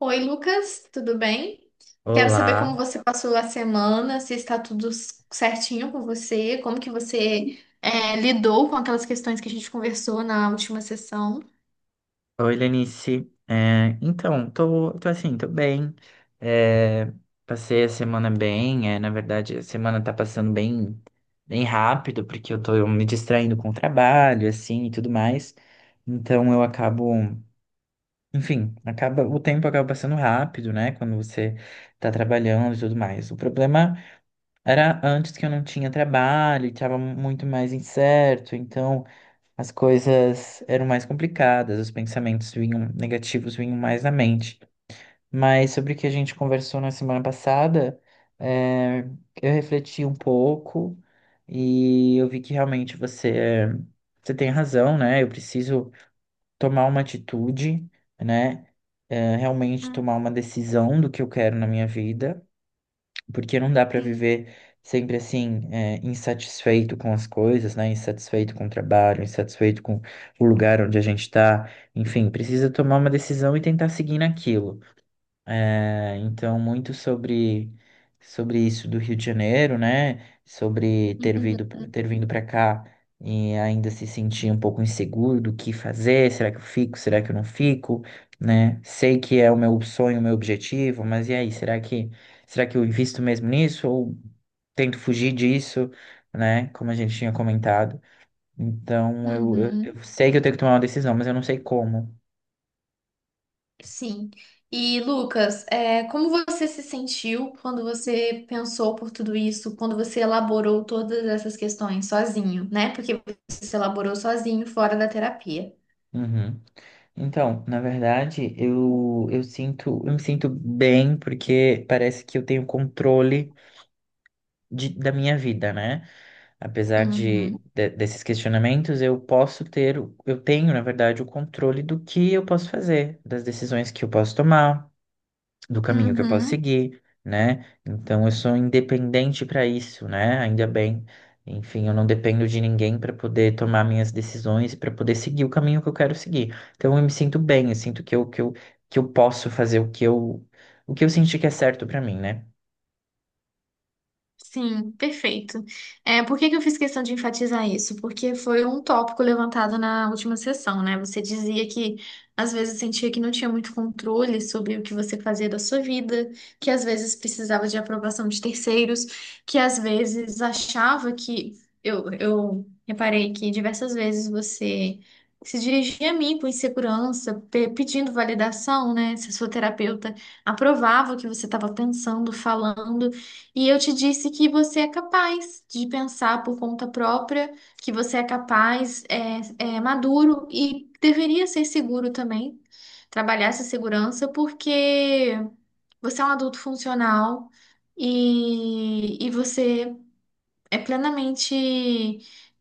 Oi, Lucas, tudo bem? Quero saber Olá, como você passou a semana, se está tudo certinho com você, como que você lidou com aquelas questões que a gente conversou na última sessão. oi Lenice. Então, tô assim, tô bem. É, Passei a semana bem. Na verdade, a semana tá passando bem, bem rápido, porque eu tô me distraindo com o trabalho, assim, e tudo mais. Então enfim, o tempo acaba passando rápido, né? Quando você tá trabalhando e tudo mais. O problema era antes que eu não tinha trabalho, e tava muito mais incerto, então, as coisas eram mais complicadas, os pensamentos vinham negativos vinham mais na mente. Mas sobre o que a gente conversou na semana passada, é, eu refleti um pouco e eu vi que realmente você tem razão, né? Eu preciso tomar uma atitude, né? Realmente Hum. tomar uma decisão do que eu quero na minha vida, porque não dá para Sim. viver sempre assim, é, insatisfeito com as coisas, né? Insatisfeito com o trabalho, insatisfeito com o lugar onde a gente está. Enfim, precisa tomar uma decisão e tentar seguir naquilo. É, então, muito sobre isso do Rio de Janeiro, né? Sobre ter Uhum, vindo, ter vindo para cá e ainda se sentir um pouco inseguro do que fazer, será que eu fico, será que eu não fico, né? Sei que é o meu sonho, o meu objetivo, mas e aí, será que eu invisto mesmo nisso ou tento fugir disso, né? Como a gente tinha comentado. Então, eu, eu, uhum, eu sei que eu tenho que tomar uma decisão, mas eu não sei como. sim. E, Lucas, é, como você se sentiu quando você pensou por tudo isso, quando você elaborou todas essas questões sozinho, né? Porque você se elaborou sozinho, fora da terapia. Uhum. Então, na verdade, eu me sinto bem porque parece que eu tenho controle da minha vida, né? Apesar Uhum, desses questionamentos, eu tenho, na verdade, o controle do que eu posso fazer, das decisões que eu posso tomar, do caminho que eu posso uhum. seguir, né? Então eu sou independente para isso, né? Ainda bem. Enfim, eu não dependo de ninguém para poder tomar minhas decisões, para poder seguir o caminho que eu quero seguir. Então eu me sinto bem, eu sinto que eu posso fazer o que eu senti que é certo para mim, né? Sim, perfeito. É, por que que eu fiz questão de enfatizar isso? Porque foi um tópico levantado na última sessão, né? Você dizia que às vezes sentia que não tinha muito controle sobre o que você fazia da sua vida, que às vezes precisava de aprovação de terceiros, que às vezes achava que. Eu reparei que diversas vezes você se dirigia a mim com insegurança, pedindo validação, né? Se a sua terapeuta aprovava o que você estava pensando, falando. E eu te disse que você é capaz de pensar por conta própria, que você é capaz, é, é maduro e deveria ser seguro também, trabalhar essa segurança, porque você é um adulto funcional e você é plenamente,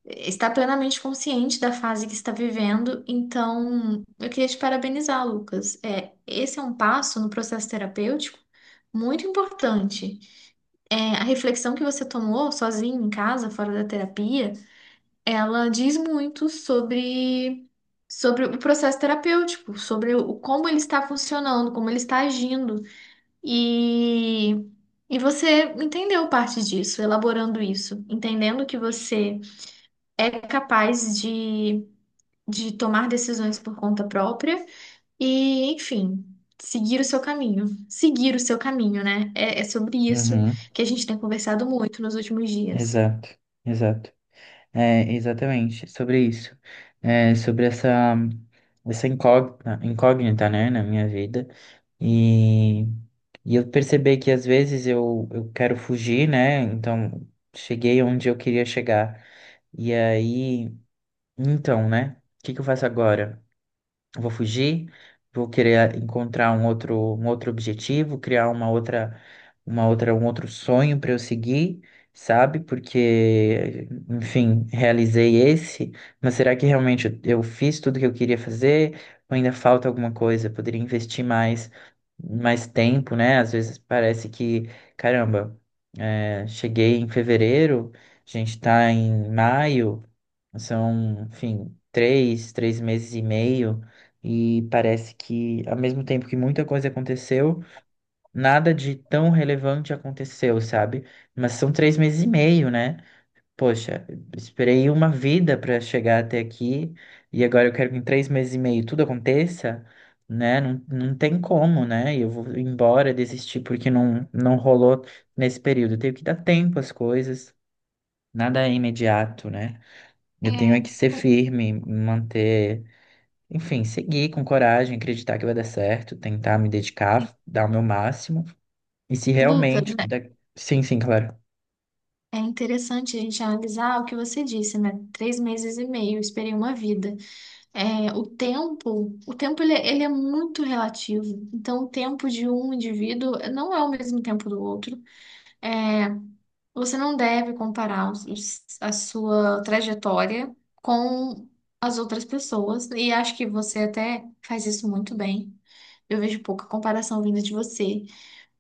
está plenamente consciente da fase que está vivendo. Então, eu queria te parabenizar, Lucas. É, esse é um passo no processo terapêutico muito importante. É, a reflexão que você tomou sozinho em casa, fora da terapia, ela diz muito sobre, sobre o processo terapêutico, sobre o, como ele está funcionando, como ele está agindo. E, e você entendeu parte disso, elaborando isso, entendendo que você é capaz de tomar decisões por conta própria e, enfim, seguir o seu caminho. Seguir o seu caminho, né? É, é sobre isso Uhum, que a gente tem conversado muito nos últimos dias. exato, exato. É, exatamente, sobre isso. Sobre essa incógnita, né, na minha vida. E, e eu percebi que às vezes eu quero fugir, né? Então, cheguei onde eu queria chegar. E aí, então, né? O que que eu faço agora? Vou fugir, vou querer ah, encontrar um outro objetivo, criar um outro sonho para eu seguir, sabe? Porque, enfim, realizei esse, mas será que realmente eu fiz tudo que eu queria fazer? Ou ainda falta alguma coisa? Eu poderia investir mais, mais tempo, né? Às vezes parece que, caramba, cheguei em fevereiro, a gente está em maio. São, enfim, três meses e meio, e parece que, ao mesmo tempo que muita coisa aconteceu, nada de tão relevante aconteceu, sabe? Mas são 3 meses e meio, né? Poxa, esperei uma vida para chegar até aqui, e agora eu quero que em 3 meses e meio tudo aconteça, né? Não, não tem como, né? E eu vou embora, desistir porque não, não rolou nesse período. Eu tenho que dar tempo às coisas, nada é imediato, né? Eu tenho É, é que ser Lu- firme, manter, enfim, seguir com coragem, acreditar que vai dar certo, tentar me dedicar, dar o meu máximo. E se Lucas, realmente. né, Sim, sim, claro. é interessante a gente analisar o que você disse, né? 3 meses e meio, eu esperei uma vida. É, o tempo ele é muito relativo. Então, o tempo de um indivíduo não é o mesmo tempo do outro. É, você não deve comparar a sua trajetória com as outras pessoas. E acho que você até faz isso muito bem. Eu vejo pouca comparação vinda de você.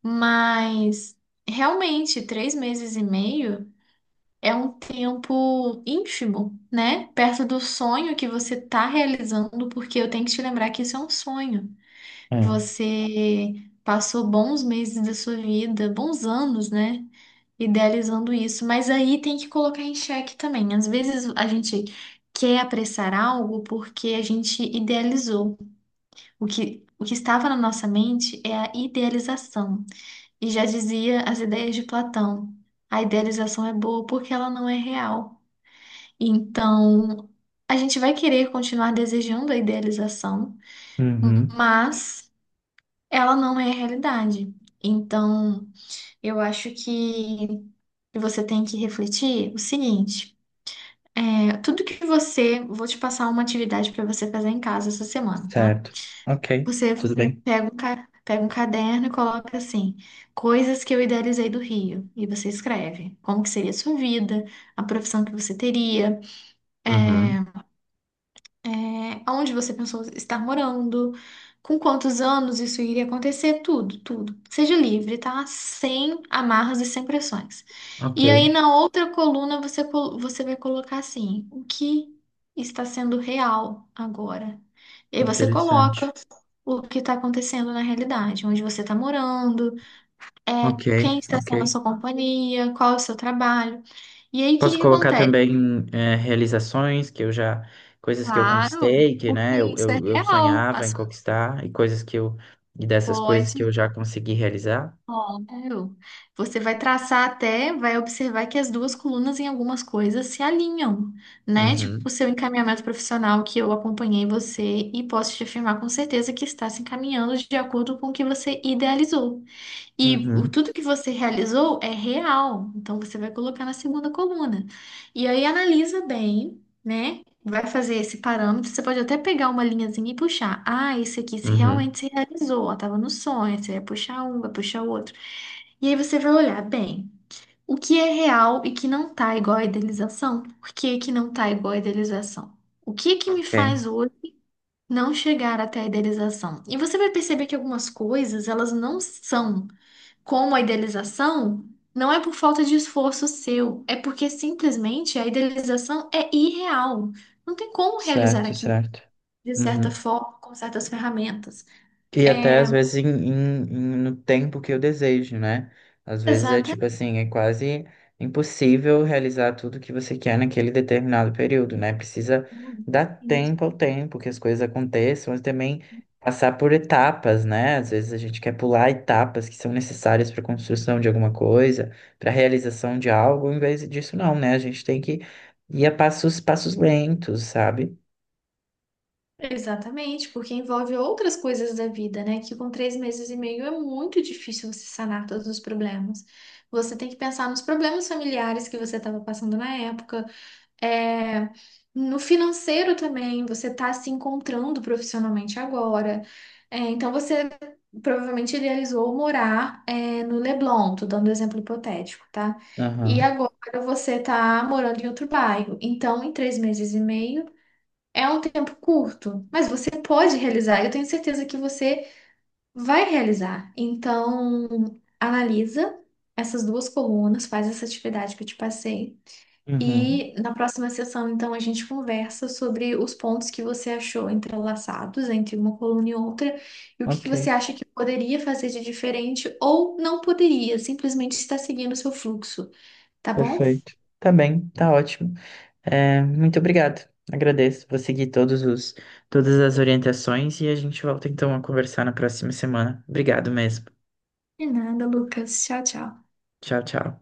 Mas, realmente, 3 meses e meio é um tempo ínfimo, né? Perto do sonho que você está realizando, porque eu tenho que te lembrar que isso é um sonho. É. Você passou bons meses da sua vida, bons anos, né? Idealizando isso. Mas aí tem que colocar em xeque também. Às vezes a gente quer apressar algo porque a gente idealizou. O que estava na nossa mente é a idealização. E já dizia as ideias de Platão: a idealização é boa porque ela não é real. Então, a gente vai querer continuar desejando a idealização, Uhum. mas ela não é a realidade. Então, eu acho que você tem que refletir o seguinte: é, tudo que você. Vou te passar uma atividade para você fazer em casa essa semana, tá? Certo. Ok. Você Tudo bem. pega um, pega um caderno e coloca assim: coisas que eu idealizei do Rio. E você escreve como que seria a sua vida, a profissão que você teria. Uhum. é, Aonde você pensou estar morando, com quantos anos isso iria acontecer, tudo, tudo. Seja livre, tá? Sem amarras e sem pressões. Ok. E aí na outra coluna você, você vai colocar assim, o que está sendo real agora? E aí você Interessante. coloca o que está acontecendo na realidade, onde você está morando, é, Ok, quem está ok. sendo a sua companhia, qual é o seu trabalho. E aí o que Posso que colocar acontece? também é, realizações que eu já. Coisas que eu Claro, conquistei, que, né, porque eu, isso é eu, eu real. Sonhava em conquistar, e coisas que eu. E dessas coisas que eu Pode. já consegui realizar. Claro. Você vai traçar até, vai observar que as duas colunas em algumas coisas se alinham, né? Tipo, Uhum. o seu encaminhamento profissional que eu acompanhei você e posso te afirmar com certeza que está se encaminhando de acordo com o que você idealizou. E Uhum, tudo que você realizou é real, então você vai colocar na segunda coluna. E aí analisa bem, né? Vai fazer esse parâmetro, você pode até pegar uma linhazinha e puxar. Ah, esse aqui se uhum. realmente se realizou, ó, tava no sonho, você vai puxar um, vai puxar o outro. E aí você vai olhar bem o que é real e que não tá igual à idealização, por que que não tá igual à idealização? O que que me Ok, faz hoje não chegar até a idealização? E você vai perceber que algumas coisas, elas não são como a idealização, não é por falta de esforço seu, é porque simplesmente a idealização é irreal. Não tem como realizar certo, aqui certo. de Uhum. certa forma, com certas ferramentas. E até É, às vezes no tempo que eu desejo, né? Às vezes é tipo exatamente. assim, é quase impossível realizar tudo que você quer naquele determinado período, né? Precisa dar tempo ao tempo que as coisas aconteçam, mas também passar por etapas, né? Às vezes a gente quer pular etapas que são necessárias para a construção de alguma coisa, para a realização de algo, em vez disso não, né? A gente tem que ir a passos, passos lentos, sabe? Exatamente, porque envolve outras coisas da vida, né? Que com 3 meses e meio é muito difícil você sanar todos os problemas. Você tem que pensar nos problemas familiares que você estava passando na época, é, no financeiro também, você está se encontrando profissionalmente agora. É, então você provavelmente idealizou morar, é, no Leblon, tô dando um exemplo hipotético, tá? E Aham. agora você está morando em outro bairro. Então, em 3 meses e meio. É um tempo curto, mas você pode realizar. Eu tenho certeza que você vai realizar. Então, analisa essas duas colunas, faz essa atividade que eu te passei. Uhum. E na próxima sessão, então, a gente conversa sobre os pontos que você achou entrelaçados entre uma coluna e outra e o que que você Ok. acha que poderia fazer de diferente ou não poderia, simplesmente está seguindo o seu fluxo, tá bom? Perfeito. Tá bem, tá ótimo. É, muito obrigado. Agradeço. Vou seguir todas as orientações e a gente volta então a conversar na próxima semana. Obrigado mesmo. De nada, Lucas. Tchau, tchau. Tchau, tchau.